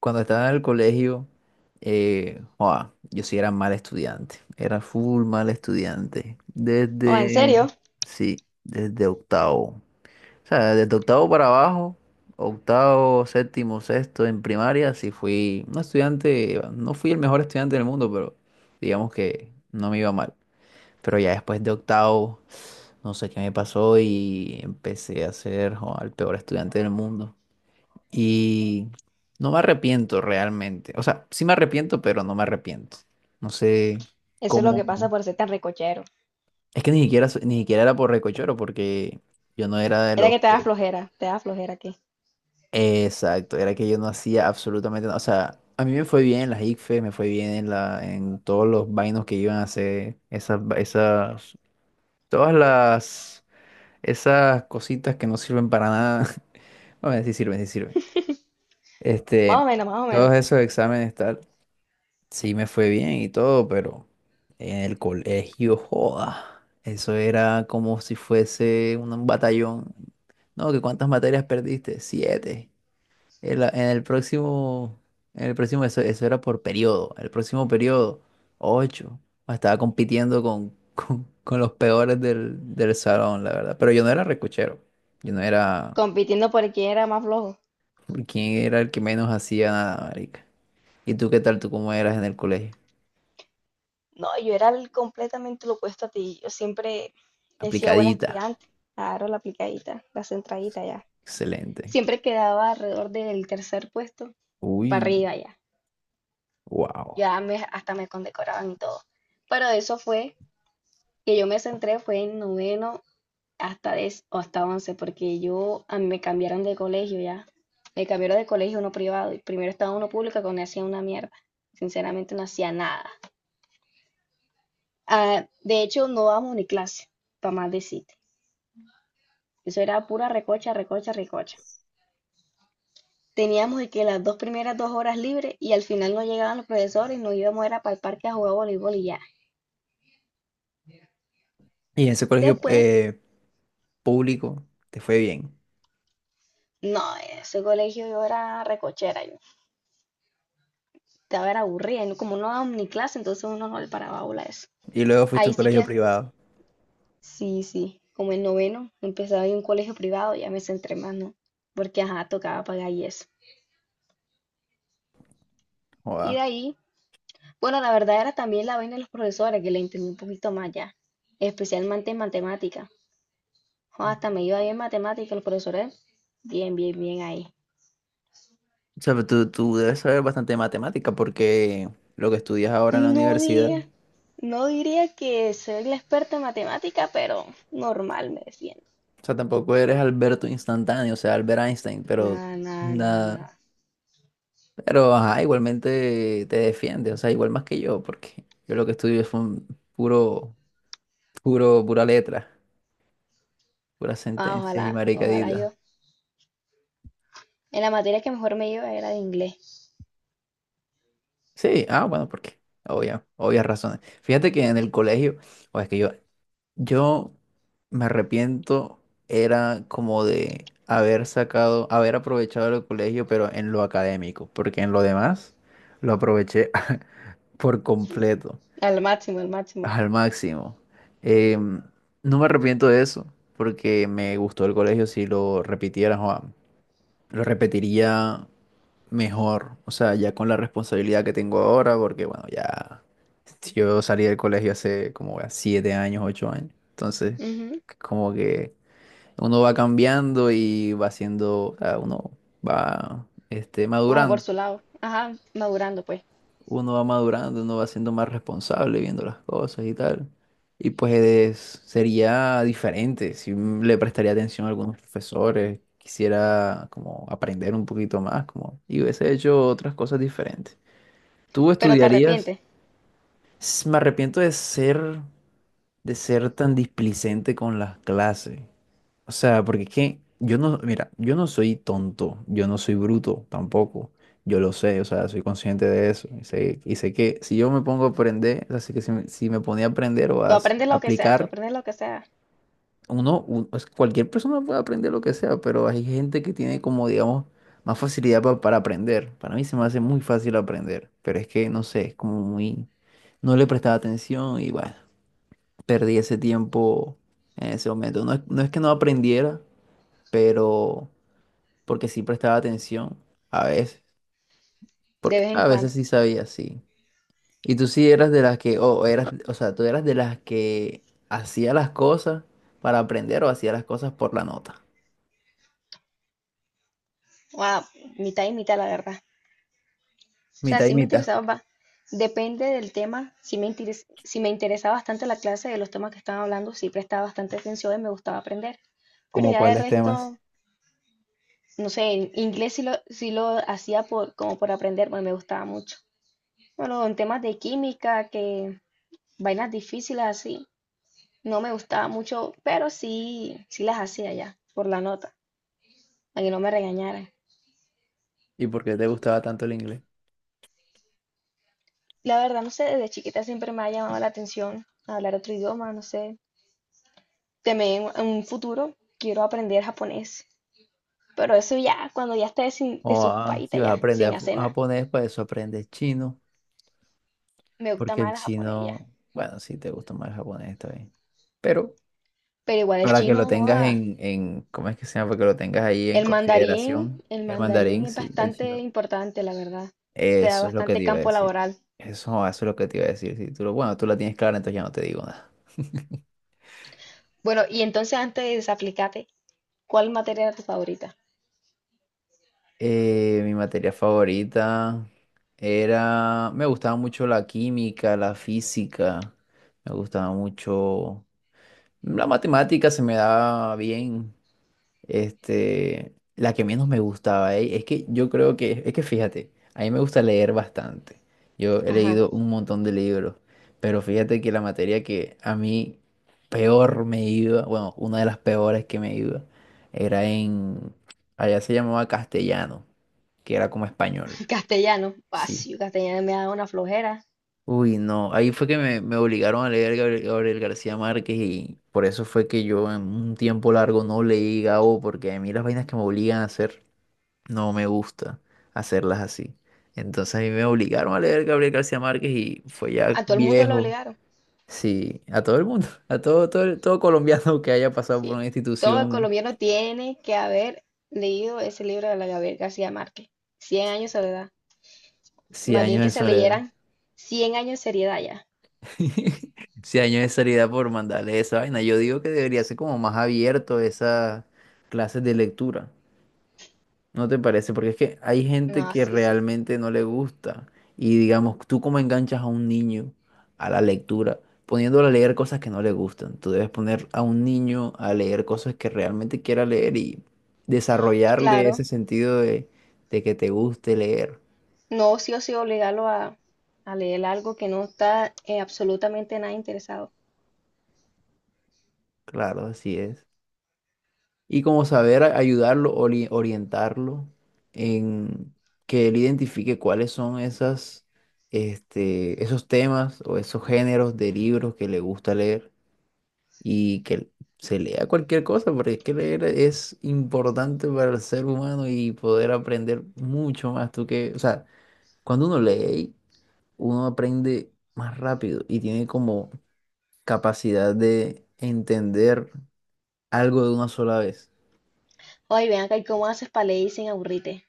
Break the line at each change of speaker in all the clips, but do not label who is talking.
Cuando estaba en el colegio, joa, yo sí era mal estudiante, era full mal estudiante.
Oh, ¿en serio?
Desde, sí, desde octavo. O sea, desde octavo para abajo, octavo, séptimo, sexto en primaria, sí fui un estudiante, no fui el mejor estudiante del mundo, pero digamos que no me iba mal. Pero ya después de octavo, no sé qué me pasó y empecé a ser, joa, el peor estudiante del mundo. Y no me arrepiento realmente. O sea, sí me arrepiento, pero no me arrepiento. No sé
Eso es lo que
cómo.
pasa por ser tan recochero.
Es que ni siquiera, ni siquiera era por recochoro, porque yo no era de
Era
los
que
que.
te da flojera aquí.
Exacto, era que yo no hacía absolutamente nada. O sea, a mí me fue bien en las ICFES, me fue bien en la, en todos los vainos que iban a hacer, esas, esas, todas las, esas cositas que no sirven para nada. Bueno, sí sirven, sí sirven.
Más o
Este,
menos, más o
todos
menos.
esos exámenes, tal. Sí, me fue bien y todo, pero en el colegio, joda, eso era como si fuese un batallón. No, ¿que cuántas materias perdiste? Siete. En la- en el próximo, en el próximo, eso era por periodo. El próximo periodo, ocho. Estaba compitiendo con, con los peores del, del salón, la verdad. Pero yo no era recochero. Yo no era.
Compitiendo por quién era más flojo.
¿Quién era el que menos hacía nada, marica? ¿Y tú qué tal? ¿Tú cómo eras en el colegio?
No, yo era el completamente lo opuesto a ti. Yo siempre he sido buena
Aplicadita.
estudiante. Claro, la aplicadita, la centradita ya.
Excelente.
Siempre quedaba alrededor del tercer puesto para
Uy,
arriba ya.
wow.
Ya hasta me condecoraban y todo. Pero eso fue, que yo me centré fue en noveno hasta 10 o hasta 11, porque yo a mí me cambiaron de colegio ya. Me cambiaron de colegio a uno privado y primero estaba uno público que no hacía una mierda. Sinceramente no hacía nada. Ah, de hecho, no dábamos ni clase, para más decirte. Eso era pura recocha, recocha, recocha. Teníamos de que las dos primeras dos horas libres y al final no llegaban los profesores y nos íbamos era para el parque a jugar voleibol y ya.
Y en ese colegio
Después,
público te fue bien.
no, ese colegio yo era recochera, yo estaba era aburrida, y como no dábamos ni clase, entonces uno no le paraba bola a eso.
Y luego fuiste a
Ahí
un
sí
colegio
que
privado.
sí, sí, como el noveno, empezaba en un colegio privado, ya me centré más, ¿no? Porque, ajá, tocaba pagar y eso. Y de
Wow.
ahí, bueno, la verdad era también la vaina de los profesores, que le entendí un poquito más ya, especialmente en matemática. Jo, hasta me iba bien en matemática, los profesores, bien, bien, bien ahí.
O sea, pero tú debes saber bastante de matemática porque lo que estudias ahora en la
No
universidad, o
diría, no diría que soy la experta en matemática, pero normal me defiendo.
sea, tampoco eres Alberto instantáneo, o sea, Albert Einstein, pero
Nada, nada, nada,
nada.
nada.
Pero ajá, igualmente te defiende, o sea, igual más que yo, porque yo lo que estudio es un puro, puro, pura letra, puras
Ah,
sentencias y
ojalá, ojalá
maricaditas.
yo. En la materia que mejor me iba era de inglés,
Sí, ah, bueno, porque obvia, obvias razones. Fíjate que en el colegio, o es que yo me arrepiento, era como de haber sacado, haber aprovechado el colegio, pero en lo académico, porque en lo demás lo aproveché por completo,
al máximo, al máximo.
al máximo. Em, no me arrepiento de eso, porque me gustó el colegio, si lo repitiera, joa, lo repetiría mejor, o sea, ya con la responsabilidad que tengo ahora, porque bueno, ya yo salí del colegio hace como ya siete años, ocho años, entonces
Ujú.
como que uno va cambiando y va siendo, o sea, uno va
Como por
madurando,
su lado. Ajá, madurando pues.
uno va madurando, uno va siendo más responsable viendo las cosas y tal, y pues sería diferente si le prestaría atención a algunos profesores. Quisiera como aprender un poquito más, como, y hubiese hecho otras cosas diferentes. ¿Tú
Pero te
estudiarías?
arrepientes.
Me arrepiento de ser tan displicente con las clases. O sea, porque es que yo no, mira, yo no soy tonto, yo no soy bruto tampoco. Yo lo sé, o sea, soy consciente de eso. Y sé que si yo me pongo a aprender, así que si me, si me ponía a aprender o
Tú
a
aprendes lo que sea, tú
aplicar,
aprendes lo que sea,
uno, pues, cualquier persona puede aprender lo que sea, pero hay gente que tiene como, digamos, más facilidad para aprender. Para mí se me hace muy fácil aprender, pero es que, no sé, es como muy... No le prestaba atención y bueno, perdí ese tiempo en ese momento. No es, no es que no aprendiera, pero porque sí prestaba atención a veces,
de
porque
vez en
a veces
cuando.
sí sabía, sí. Y tú sí eras de las que, o eras, o sea, tú eras de las que hacía las cosas para aprender o hacía las cosas por la nota.
O mitad y mitad, la verdad. O sea,
Mitad y
sí me
mitad.
interesaba, depende del tema, si me interesaba bastante la clase de los temas que estaban hablando, sí prestaba bastante atención y me gustaba aprender. Pero
¿Como
ya de
cuáles temas?
resto, no sé, en inglés sí lo hacía por, como por aprender, porque me gustaba mucho. Bueno, en temas de química, que vainas difíciles así. No me gustaba mucho, pero sí, sí las hacía ya, por la nota, para que no me regañaran.
¿Y por qué te gustaba tanto el inglés?
La verdad, no sé, desde chiquita siempre me ha llamado la atención hablar otro idioma, no sé. También en un futuro quiero aprender japonés, pero eso ya, cuando ya esté sin,
O ah, si
desocupadita
vas a
ya,
aprender
sin hacer nada.
japonés, para eso aprendes chino,
Me gusta
porque el
más el japonés ya.
chino, bueno, sí te gusta más el japonés, está bien. Pero
Pero igual el
para que lo
chino,
tengas
joda.
en, ¿cómo es que se llama? Para que lo tengas ahí en consideración,
El
el
mandarín
mandarín,
es
sí, el
bastante
chino.
importante, la verdad. Te da
Eso es lo que te
bastante
iba a
campo
decir.
laboral.
Eso es lo que te iba a decir. Si tú bueno, tú la tienes clara, entonces ya no te digo nada.
Bueno, y entonces antes de desaplicarme, ¿cuál materia era tu favorita?
Mi materia favorita era, me gustaba mucho la química, la física, me gustaba mucho la matemática, se me daba bien. La que menos me gustaba, es que yo creo que, es que fíjate, a mí me gusta leer bastante. Yo he
Ajá.
leído un montón de libros, pero fíjate que la materia que a mí peor me iba, bueno, una de las peores que me iba, era en, allá se llamaba castellano que era como español.
Castellano, ah,
Sí.
sí, castellano me da una flojera.
Uy, no. Ahí fue que me obligaron a leer Gabriel, Gabriel García Márquez y por eso fue que yo en un tiempo largo no leí Gabo, porque a mí las vainas que me obligan a hacer no me gusta hacerlas así. Entonces a mí me obligaron a leer Gabriel García Márquez y fue ya
A todo el mundo lo
viejo.
obligaron.
Sí, a todo el mundo, a todo, todo, todo colombiano que haya pasado por
Sí.
una
Todo el
institución,
colombiano tiene que haber leído ese libro de la Gabriel García Márquez. Cien años de soledad.
100
Más bien
años
que
de
se
soledad.
leyeran 100 años de seriedad ya.
Si años de salida por mandarle esa vaina. Yo digo que debería ser como más abierto esas clases de lectura. ¿No te parece? Porque es que hay gente
No,
que
sí, sí.
realmente no le gusta. Y digamos, tú cómo enganchas a un niño a la lectura, poniéndolo a leer cosas que no le gustan. Tú debes poner a un niño a leer cosas que realmente quiera leer y desarrollarle
Claro,
ese sentido de que te guste leer.
no sí o sí obligarlo a leer algo que no está, absolutamente nada interesado.
Claro, así es. Y como saber ayudarlo, orientarlo en que él identifique cuáles son esas, esos temas o esos géneros de libros que le gusta leer y que se lea cualquier cosa, porque es que leer es importante para el ser humano y poder aprender mucho más. Tú que, o sea, cuando uno lee, uno aprende más rápido y tiene como capacidad de entender algo de una sola vez,
Oye, vean acá, ¿y cómo haces para leer sin aburrirte?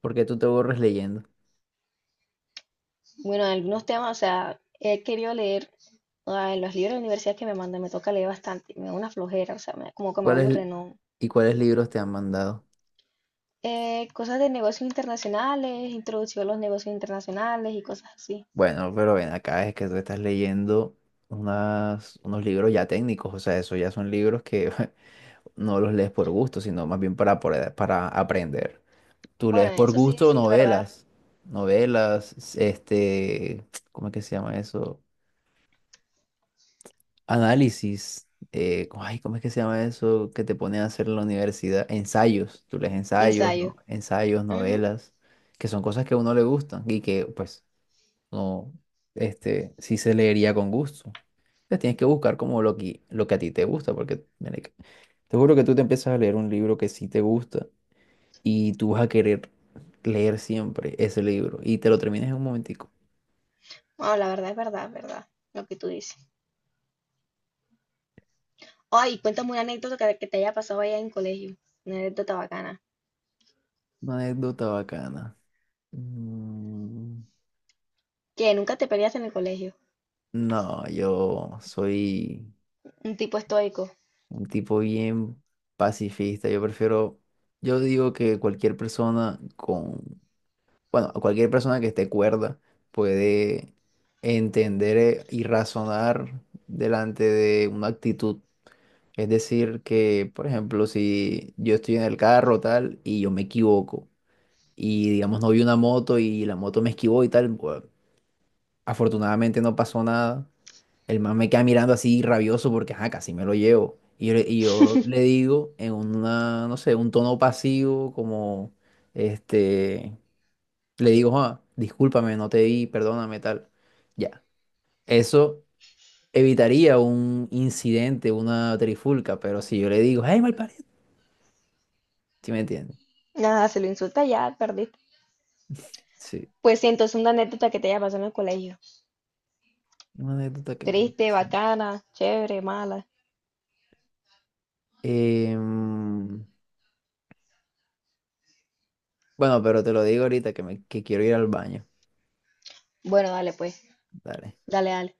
porque tú te borres leyendo.
Bueno, algunos temas, o sea, he querido leer, ah, en los libros de la universidad que me mandan, me toca leer bastante, me da una flojera, o sea, como que me
¿Cuáles
aburre, ¿no?
y cuáles libros te han mandado?
Cosas de negocios internacionales, introducción a los negocios internacionales y cosas así.
Bueno, pero ven acá, es que tú estás leyendo unas, unos libros ya técnicos, o sea, esos ya son libros que no los lees por gusto, sino más bien para, para aprender. Tú
Bueno,
lees por
eso sí,
gusto
sí, es verdad.
novelas, novelas, ¿cómo es que se llama eso? Análisis, ay, ¿cómo es que se llama eso que te ponen a hacer en la universidad? Ensayos, tú lees ensayos, no,
Ensayo.
ensayos,
Ujú.
novelas, que son cosas que a uno le gustan y que, pues no, sí se leería con gusto. Entonces tienes que buscar como lo que a ti te gusta, porque marica, te juro que tú te empiezas a leer un libro que sí te gusta y tú vas a querer leer siempre ese libro y te lo terminas en un momentico.
Bueno, la verdad es verdad, es verdad, lo que tú dices. Ay, cuéntame una anécdota que te haya pasado allá en colegio, una anécdota bacana.
Una anécdota bacana. Mm,
Que nunca te peleaste en el colegio,
No, yo soy
un tipo estoico.
un tipo bien pacifista. Yo prefiero, yo digo que cualquier persona con bueno, cualquier persona que esté cuerda puede entender y razonar delante de una actitud. Es decir, que, por ejemplo, si yo estoy en el carro tal y yo me equivoco y, digamos, no vi una moto y la moto me esquivó y tal, pues, afortunadamente no pasó nada. El man me queda mirando así rabioso porque, ajá, casi me lo llevo. Y yo, y yo le digo en una, no sé, un tono pasivo como, este... Le digo, Juan, discúlpame, no te vi, perdóname, tal. Ya. Eso evitaría un incidente, una trifulca, pero si yo le digo, hey, malparido, ¿sí me entiendes?
Nada, se lo insulta ya, perdiste.
Sí.
Pues sí, entonces una anécdota que te haya pasado en el colegio.
Una anécdota que me... haya
Triste,
pasado.
bacana, chévere, mala.
Em, bueno, pero te lo digo ahorita que, me, que quiero ir al baño.
Bueno, dale pues.
Dale.
Dale, dale.